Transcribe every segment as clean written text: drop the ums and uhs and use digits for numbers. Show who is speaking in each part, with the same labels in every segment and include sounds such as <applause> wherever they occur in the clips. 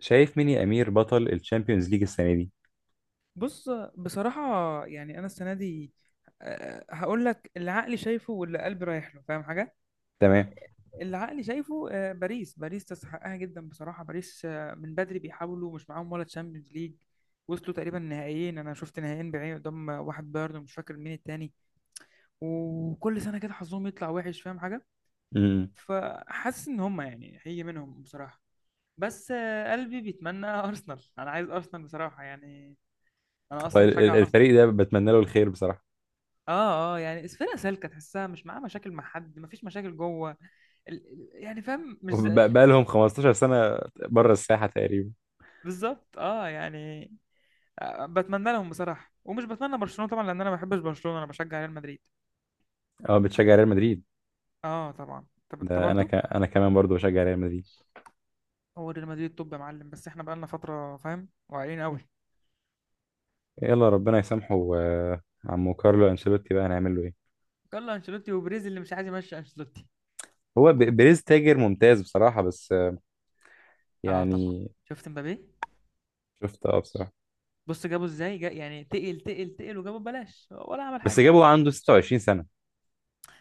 Speaker 1: شايف مين يا امير بطل الشامبيونز ليج السنه دي؟
Speaker 2: بص، بصراحة يعني أنا السنة دي، هقول لك اللي عقلي شايفه واللي قلبي رايح له. فاهم حاجة؟
Speaker 1: تمام.
Speaker 2: اللي عقلي شايفه باريس تستحقها جدا بصراحة. باريس من بدري بيحاولوا، مش معاهم ولا تشامبيونز ليج. وصلوا تقريبا نهائيين، أنا شفت نهائيين بعيني قدام واحد بايرن، مش فاكر مين التاني. وكل سنة كده حظهم يطلع وحش، فاهم حاجة؟
Speaker 1: امم.
Speaker 2: فحاسس إن هما يعني هي منهم بصراحة. بس قلبي بيتمنى <laughs> أرسنال، أنا عايز أرسنال بصراحة يعني. أنا
Speaker 1: هو
Speaker 2: أصلا مشجع أرسنال.
Speaker 1: الفريق ده بتمنى له الخير بصراحه.
Speaker 2: اه اه، يعني اسفنا سالكه، تحسها مش معاه مشاكل مع حد، مفيش مشاكل جوه. يعني فاهم، مش زي
Speaker 1: بقى
Speaker 2: يعني.
Speaker 1: لهم 15 سنه بره الساحه تقريبا.
Speaker 2: بالظبط، اه يعني بتمنى لهم بصراحه، ومش بتمنى برشلونه طبعا، لان انا ما بحبش برشلونه، انا بشجع ريال مدريد.
Speaker 1: اه، بتشجع ريال مدريد.
Speaker 2: اه طبعا، طب انت
Speaker 1: ده
Speaker 2: برضو؟
Speaker 1: انا كمان برضو بشجع ريال مدريد.
Speaker 2: هو ريال مدريد، طب يا معلم، بس احنا بقالنا فتره فاهم، واعيين قوي.
Speaker 1: يلا ربنا يسامحه. عمو كارلو انشيلوتي بقى هنعمل له ايه؟
Speaker 2: يلا انشيلوتي وبريز اللي مش عايز يمشي انشيلوتي.
Speaker 1: هو بريز تاجر ممتاز بصراحه، بس
Speaker 2: اه طبعا.
Speaker 1: يعني.
Speaker 2: شفت مبابي؟
Speaker 1: شفت، اه، بصراحه.
Speaker 2: بص، جابه ازاي، جا يعني تقل تقل تقل وجابه ببلاش ولا عمل
Speaker 1: بس
Speaker 2: حاجه.
Speaker 1: جابه عنده 26 سنه.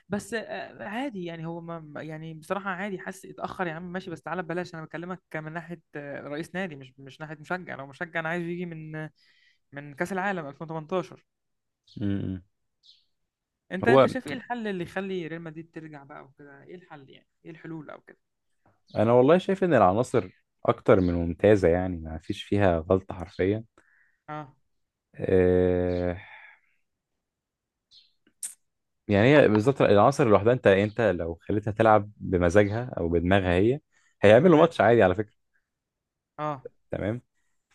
Speaker 2: بس عادي يعني، هو يعني بصراحة عادي، حاسس اتأخر يا عم. ماشي بس تعالى ببلاش. أنا بكلمك من ناحية رئيس نادي، مش ناحية مشجع. لو مشجع أنا عايزه يجي من من كأس العالم 2018.
Speaker 1: امم.
Speaker 2: أنت
Speaker 1: هو.
Speaker 2: أنت شايف إيه الحل اللي يخلي ريال مدريد ترجع بقى وكده؟ إيه الحل، يعني إيه الحلول أو كده؟
Speaker 1: انا والله شايف ان العناصر اكتر من ممتازه، يعني ما فيش فيها غلطه حرفيا.
Speaker 2: أه،
Speaker 1: آه، يعني هي بالظبط العناصر لوحدها، انت لو خليتها تلعب بمزاجها او بدماغها، هي هيعملوا
Speaker 2: تمام،
Speaker 1: ماتش عادي على فكره.
Speaker 2: أه،
Speaker 1: تمام.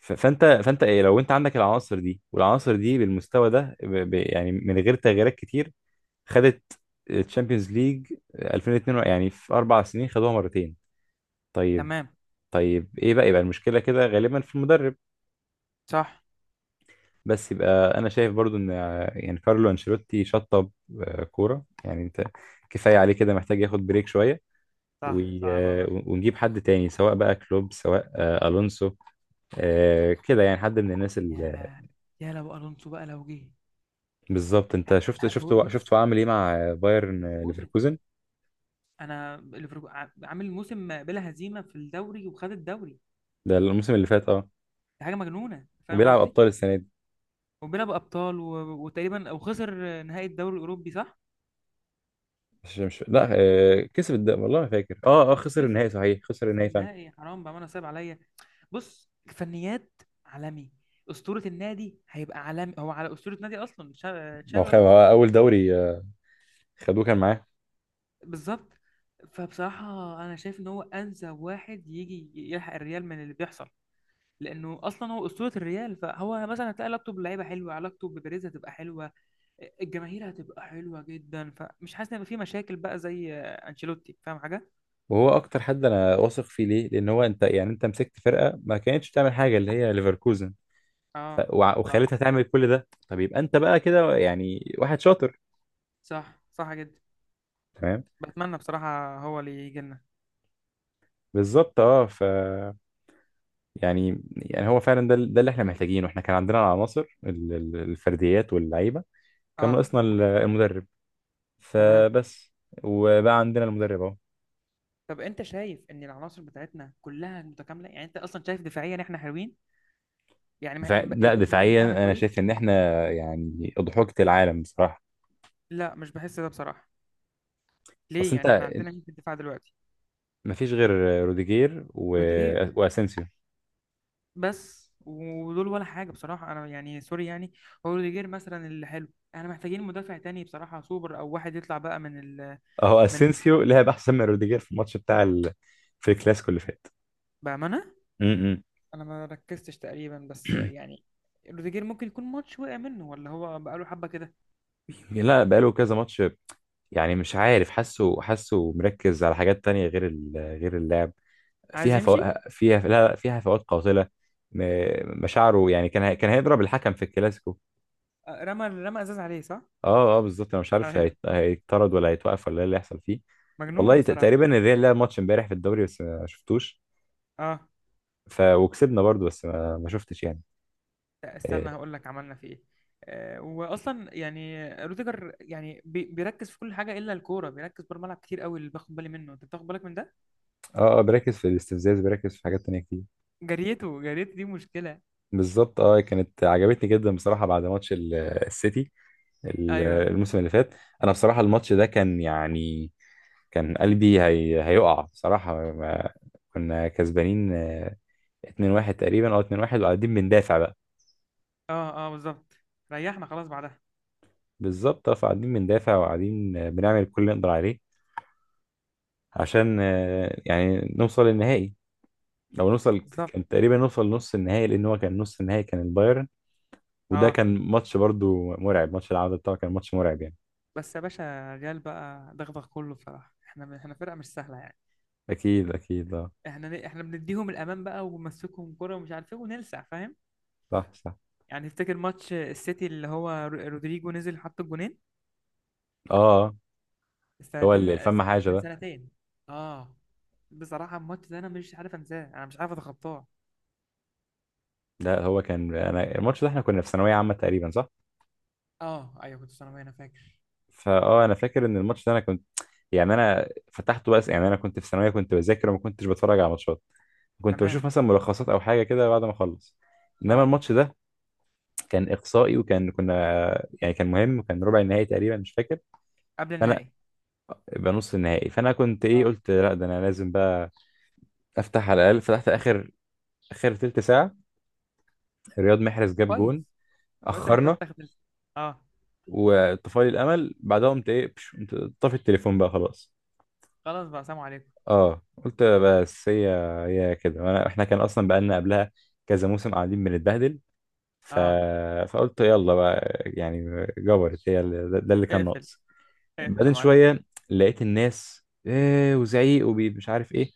Speaker 1: فانت ايه لو انت عندك العناصر دي والعناصر دي بالمستوى ده، ب ب يعني من غير تغييرات كتير، خدت الشامبيونز ليج 2002، يعني في 4 سنين خدوها مرتين. طيب.
Speaker 2: تمام،
Speaker 1: طيب، ايه بقى؟ يبقى المشكله كده غالبا في المدرب.
Speaker 2: صح،
Speaker 1: بس يبقى انا شايف برضو ان يعني كارلو انشيلوتي شطب كوره، يعني انت كفايه عليه كده، محتاج ياخد بريك شويه.
Speaker 2: صح
Speaker 1: وي-
Speaker 2: صح بقى.
Speaker 1: ونجيب حد تاني، سواء بقى كلوب، سواء الونسو، كده، يعني حد من الناس اللي...
Speaker 2: يا يا لو ألونسو بقى، لو جه.
Speaker 1: بالظبط، انت شفت
Speaker 2: بص
Speaker 1: هو عامل ايه مع بايرن
Speaker 2: ليفركوزن،
Speaker 1: ليفركوزن؟
Speaker 2: انا ليفركو- عامل موسم بلا هزيمه في الدوري، وخد الدوري.
Speaker 1: ده الموسم اللي فات، اه.
Speaker 2: دي حاجه مجنونه، فاهم
Speaker 1: وبيلعب
Speaker 2: قصدي.
Speaker 1: ابطال السنه دي.
Speaker 2: وبيلعب ابطال و... وتقريبا او خسر نهائي الدوري الاوروبي، صح؟
Speaker 1: مش، لا، والله ما فاكر. اه، اه، خسر
Speaker 2: خسر،
Speaker 1: النهائي، صحيح خسر
Speaker 2: خسر
Speaker 1: النهائي فعلا.
Speaker 2: النهائي حرام بقى، انا صعب عليا. بص، فنيات عالمي، اسطوره النادي، هيبقى عالمي. هو على اسطوره نادي اصلا، تشا-
Speaker 1: ما هو
Speaker 2: تشابي الونسو.
Speaker 1: هو اول دوري، خدوه كان معاه.
Speaker 2: بالظبط. فبصراحه انا شايف ان هو انسب واحد يجي يلحق الريال من اللي بيحصل، لانه اصلا هو اسطوره الريال. فهو مثلا هتلاقي علاقته باللعيبه حلوه، علاقته ببيريز هتبقى حلوه، الجماهير هتبقى حلوه جدا. فمش حاسس ان هيبقى في مشاكل بقى زي انشيلوتي، فاهم حاجه.
Speaker 1: وهو اكتر حد انا واثق فيه، ليه؟ لان هو انت يعني انت مسكت فرقه ما كانتش تعمل حاجه، اللي هي ليفركوزن،
Speaker 2: اه، صح،
Speaker 1: وخليتها تعمل كل ده. طب يبقى انت بقى كده يعني واحد شاطر.
Speaker 2: صح صح جدا.
Speaker 1: فاهم؟
Speaker 2: بتمنى بصراحه هو اللي يجي لنا.
Speaker 1: بالظبط، اه. يعني هو فعلا ده اللي احنا محتاجينه. احنا كان عندنا العناصر، الفرديات واللعيبه، كان
Speaker 2: اه،
Speaker 1: ناقصنا المدرب.
Speaker 2: تمام.
Speaker 1: فبس. وبقى عندنا المدرب اهو.
Speaker 2: طب انت شايف ان العناصر بتاعتنا كلها متكامله؟ يعني انت اصلا شايف دفاعيا احنا حلوين؟ يعني
Speaker 1: لا،
Speaker 2: الباك يمين
Speaker 1: دفاعيا
Speaker 2: بتاعنا
Speaker 1: انا
Speaker 2: كويس؟
Speaker 1: شايف ان احنا يعني اضحوكة العالم بصراحه.
Speaker 2: لا، مش بحس ده بصراحه. ليه؟
Speaker 1: اصل انت
Speaker 2: يعني احنا عندنا مين في الدفاع دلوقتي؟
Speaker 1: مفيش غير روديجير
Speaker 2: روديجير
Speaker 1: واسينسيو.
Speaker 2: بس، ودول ولا حاجة بصراحة. أنا يعني سوري يعني، هو روديجير مثلا اللي حلو. احنا محتاجين مدافع تاني بصراحة سوبر، أو واحد يطلع بقى من ال،
Speaker 1: اهو
Speaker 2: من،
Speaker 1: اسينسيو لعب احسن من روديجير في الماتش بتاع في الكلاسيكو اللي فات.
Speaker 2: بأمانة
Speaker 1: م-م.
Speaker 2: أنا ما ركزتش تقريبا، بس يعني روديجير ممكن يكون ماتش وقع منه، ولا هو بقاله حبة كده؟
Speaker 1: لا، بقاله كذا ماتش. يعني مش عارف، حاسه مركز على حاجات تانية، غير غير اللعب
Speaker 2: عايز
Speaker 1: فيها
Speaker 2: يمشي.
Speaker 1: فيها، لا، لا، فيها فوات قاتلة. مشاعره، يعني كان كان هيضرب الحكم في الكلاسيكو.
Speaker 2: رمى إزاز عليه صح؟
Speaker 1: اه، اه، بالظبط. انا مش عارف،
Speaker 2: أيوه،
Speaker 1: هيطرد ولا هيتوقف، ولا ايه اللي هيحصل فيه؟
Speaker 2: مجنون
Speaker 1: والله،
Speaker 2: بصراحة.
Speaker 1: تقريبا الريال لعب ماتش امبارح في الدوري، بس ما شفتوش.
Speaker 2: اه،
Speaker 1: وكسبنا برضو، بس ما شفتش يعني.
Speaker 2: لا
Speaker 1: اه،
Speaker 2: استنى، هقول لك عملنا في ايه. واصلا يعني روديجر يعني بيركز في كل حاجه الا الكوره، بيركز بره الملعب كتير قوي اللي باخد بالي منه. انت بتاخد بالك من ده؟
Speaker 1: اه، بركز في الاستفزاز، بركز في حاجات تانية كتير.
Speaker 2: جريته جريته دي مشكلة.
Speaker 1: بالظبط، اه، كانت عجبتني جدا بصراحة بعد ماتش السيتي،
Speaker 2: أيوه.
Speaker 1: الموسم اللي فات. انا بصراحه الماتش ده كان يعني، كان قلبي هيقع بصراحه ما... كنا كسبانين 2-1 تقريبا او 2-1، وقاعدين بندافع بقى.
Speaker 2: أه أه بالظبط، ريحنا خلاص بعدها.
Speaker 1: بالظبط، اه، فقاعدين بندافع وقاعدين بنعمل كل اللي نقدر عليه عشان يعني نوصل للنهائي، لو نوصل.
Speaker 2: بالظبط،
Speaker 1: كان تقريبا نوصل نص النهائي، لان هو كان نص النهائي كان البايرن. وده
Speaker 2: أه.
Speaker 1: كان ماتش برضو مرعب، ماتش العودة بتاعه كان ماتش مرعب يعني.
Speaker 2: بس يا باشا ريال بقى دغدغ كله بصراحة. إحنا فرقة مش سهلة يعني.
Speaker 1: اكيد، اكيد، اه.
Speaker 2: إحنا بنديهم الأمان بقى وبنمسكهم كرة ومش عارف إيه ونلسع، فاهم
Speaker 1: صح، صح،
Speaker 2: يعني؟ تفتكر ماتش السيتي اللي هو رودريجو نزل حط الجونين،
Speaker 1: اه، هو
Speaker 2: السنتين
Speaker 1: اللي
Speaker 2: اللي-
Speaker 1: الفم حاجة
Speaker 2: من
Speaker 1: ده.
Speaker 2: سنتين؟ أه، بصراحة الماتش ده أنا مش عارف أنساه، أنا مش عارف أتخطاه.
Speaker 1: لا هو كان، انا الماتش ده احنا كنا في ثانويه عامه تقريبا، صح.
Speaker 2: أه أيوه، كنت ثانوي أنا فاكر.
Speaker 1: فاه، انا فاكر ان الماتش ده انا كنت، يعني انا فتحته. بس يعني انا كنت في ثانويه، كنت بذاكر وما كنتش بتفرج على ماتشات، كنت
Speaker 2: تمام.
Speaker 1: بشوف مثلا ملخصات او حاجه كده بعد ما اخلص. انما
Speaker 2: أه،
Speaker 1: الماتش ده كان اقصائي، وكان كنا يعني كان مهم، وكان ربع النهائي تقريبا، مش فاكر.
Speaker 2: قبل
Speaker 1: فانا
Speaker 2: النهائي.
Speaker 1: يبقى نص النهائي، فانا كنت ايه،
Speaker 2: أه،
Speaker 1: قلت لا، ده انا لازم بقى افتح على الاقل. فتحت اخر تلت ساعه. رياض محرز جاب
Speaker 2: كويس.
Speaker 1: جون.
Speaker 2: كويس انك
Speaker 1: اخرنا.
Speaker 2: رحت تاخد ال- اه.
Speaker 1: وطفالي الامل. بعدها قمت ايه، قمت طافي التليفون بقى، خلاص.
Speaker 2: خلاص بقى، سلام عليكم.
Speaker 1: اه، قلت بس هي كده. وانا احنا كان اصلا بقالنا قبلها كذا موسم قاعدين بنتبهدل، ف...
Speaker 2: اه،
Speaker 1: فقلت يلا بقى، يعني جبرت هي ده اللي كان
Speaker 2: اقفل،
Speaker 1: ناقص.
Speaker 2: اقفل يا
Speaker 1: بعدين
Speaker 2: معلم.
Speaker 1: شويه لقيت الناس ايه وزعيق ومش عارف ايه،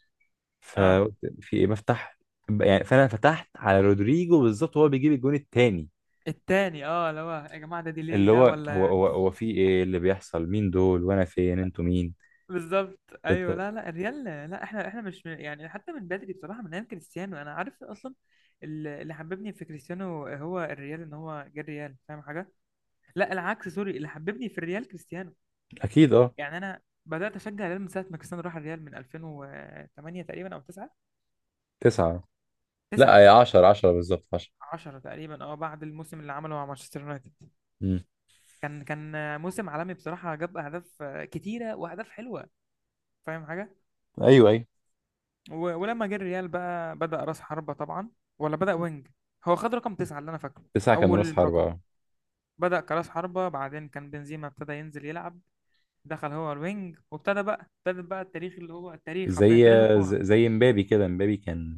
Speaker 2: اه.
Speaker 1: فقلت في ايه، بفتح. يعني فانا فتحت على رودريجو بالظبط وهو بيجيب الجون التاني،
Speaker 2: التاني اه، اللي هو يا جماعه ده ديلي
Speaker 1: اللي هو
Speaker 2: ده
Speaker 1: هو
Speaker 2: ولا؟
Speaker 1: هو, هو في ايه اللي بيحصل؟ مين دول؟ وانا فين؟ انتوا مين؟
Speaker 2: بالظبط، ايوه. لا لا، الريال لا، احنا مش من- يعني حتى من بدري بصراحه، من ايام كريستيانو انا عارف اصلا. اللي حببني في كريستيانو هو الريال، ان هو جه الريال، فاهم حاجه. لا العكس، سوري، اللي حببني في الريال كريستيانو.
Speaker 1: اكيد، اه.
Speaker 2: يعني انا بدات اشجع الريال من ساعه ما كريستيانو راح الريال، من 2008 تقريبا او 9.
Speaker 1: تسعه.
Speaker 2: 9،
Speaker 1: لا، 10، 10 بالظبط، 10.
Speaker 2: 10 تقريبا، اه، بعد الموسم اللي عمله مع مانشستر يونايتد.
Speaker 1: مم.
Speaker 2: كان موسم عالمي بصراحة، جاب أهداف كتيرة وأهداف حلوة، فاهم حاجة.
Speaker 1: ايوه، ايوه.
Speaker 2: و- ولما جه الريال بقى بدأ رأس حربة طبعا، ولا بدأ وينج؟ هو خد رقم تسعة اللي أنا فاكره،
Speaker 1: تسعة كان راس
Speaker 2: أول رقم.
Speaker 1: حربة.
Speaker 2: بدأ كرأس حربة، بعدين كان بنزيما ابتدى ينزل يلعب، دخل هو الوينج، وابتدى بقى، ابتدى بقى التاريخ اللي هو التاريخ، حرفيا
Speaker 1: زي
Speaker 2: تاريخ الكورة.
Speaker 1: زي مبابي كده، مبابي كان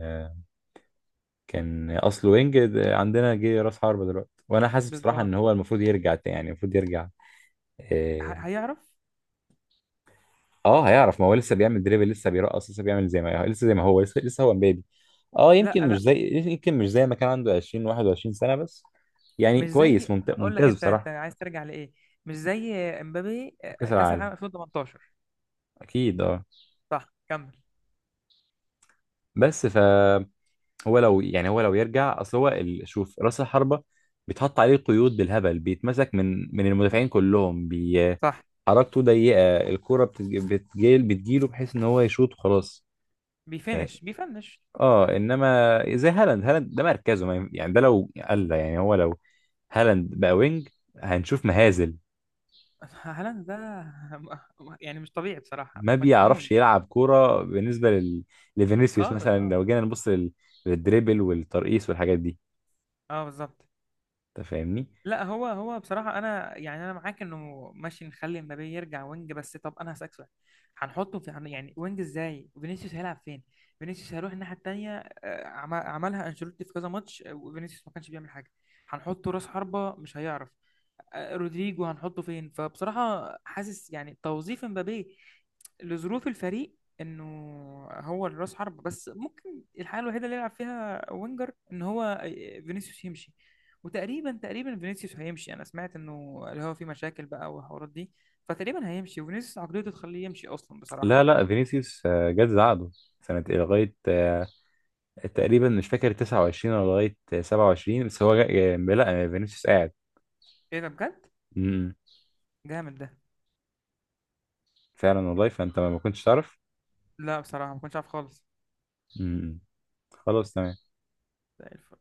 Speaker 1: كان اصله وينج، ده عندنا جه راس حربة دلوقتي، وانا حاسس بصراحة
Speaker 2: بالظبط.
Speaker 1: ان هو المفروض يرجع تاني، يعني المفروض يرجع. اه.
Speaker 2: هيعرف.
Speaker 1: هيعرف. ما هو لسه بيعمل دريبل، لسه بيرقص، لسه بيعمل زي ما لسه، زي ما هو لسه هو مبابي. اه،
Speaker 2: لا لا،
Speaker 1: يمكن مش زي ما كان عنده 20 21 سنة بس. يعني
Speaker 2: مش
Speaker 1: كويس،
Speaker 2: زي، هقول لك
Speaker 1: ممتاز
Speaker 2: انت، انت
Speaker 1: بصراحة.
Speaker 2: عايز ترجع لإيه؟ مش زي امبابي
Speaker 1: كأس
Speaker 2: كأس
Speaker 1: العالم،
Speaker 2: العالم 2018.
Speaker 1: اكيد، اه.
Speaker 2: صح، كمل.
Speaker 1: بس. هو لو يعني، هو لو يرجع. اصل هو شوف راس الحربه، بيتحط عليه قيود بالهبل، بيتمسك من المدافعين كلهم،
Speaker 2: صح.
Speaker 1: حركته ضيقه، الكوره بتجيله بحيث ان هو يشوط وخلاص. يعني
Speaker 2: بيفنش بيفنش.
Speaker 1: اه، انما زي هالاند ده مركزه ما يعني، ده لو قال، يعني هو لو هالاند بقى وينج هنشوف مهازل.
Speaker 2: هالاند ده <laughs> م- يعني مش طبيعي بصراحة،
Speaker 1: ما
Speaker 2: مجنون
Speaker 1: بيعرفش
Speaker 2: يعني.
Speaker 1: يلعب كوره بالنسبه لفينيسيوس
Speaker 2: خالص،
Speaker 1: مثلا،
Speaker 2: اه.
Speaker 1: لو جينا نبص للدريبل والترقيص والحاجات دي.
Speaker 2: اه بالظبط.
Speaker 1: انت فاهمني.
Speaker 2: لا، هو بصراحة أنا يعني، أنا معاك إنه ماشي، نخلي مبابي يرجع وينج، بس طب أنا هسألك سؤال. يعني وينج إزاي؟ فينيسيوس هيلعب فين؟ فينيسيوس هيروح الناحية التانية. عملها أنشيلوتي في كذا ماتش وفينيسيوس ما كانش بيعمل حاجة. هنحطه راس حربة مش هيعرف. رودريجو هنحطه فين؟ فبصراحة حاسس يعني توظيف مبابي لظروف الفريق انه هو الراس حرب. بس ممكن الحاله الوحيده اللي يلعب فيها وينجر ان هو فينيسيوس يمشي. وتقريبا فينيسيوس هيمشي، انا سمعت انه اللي هو في مشاكل بقى والحوارات دي. فتقريبا هيمشي، وفينيسيوس عقليته تخليه يمشي اصلا بصراحه.
Speaker 1: لا، لا، فينيسيوس جت عقده سنة إيه؟ لغاية تقريبا مش فاكر 29 ولا لغاية 27، بس هو لا، فينيسيوس قاعد.
Speaker 2: ايه ده بجد،
Speaker 1: م- م.
Speaker 2: جامد ده.
Speaker 1: فعلا والله. فأنت ما كنتش تعرف.
Speaker 2: لا بصراحه ما كنتش عارف خالص.
Speaker 1: م- م. خلاص، تمام.
Speaker 2: زي الفل.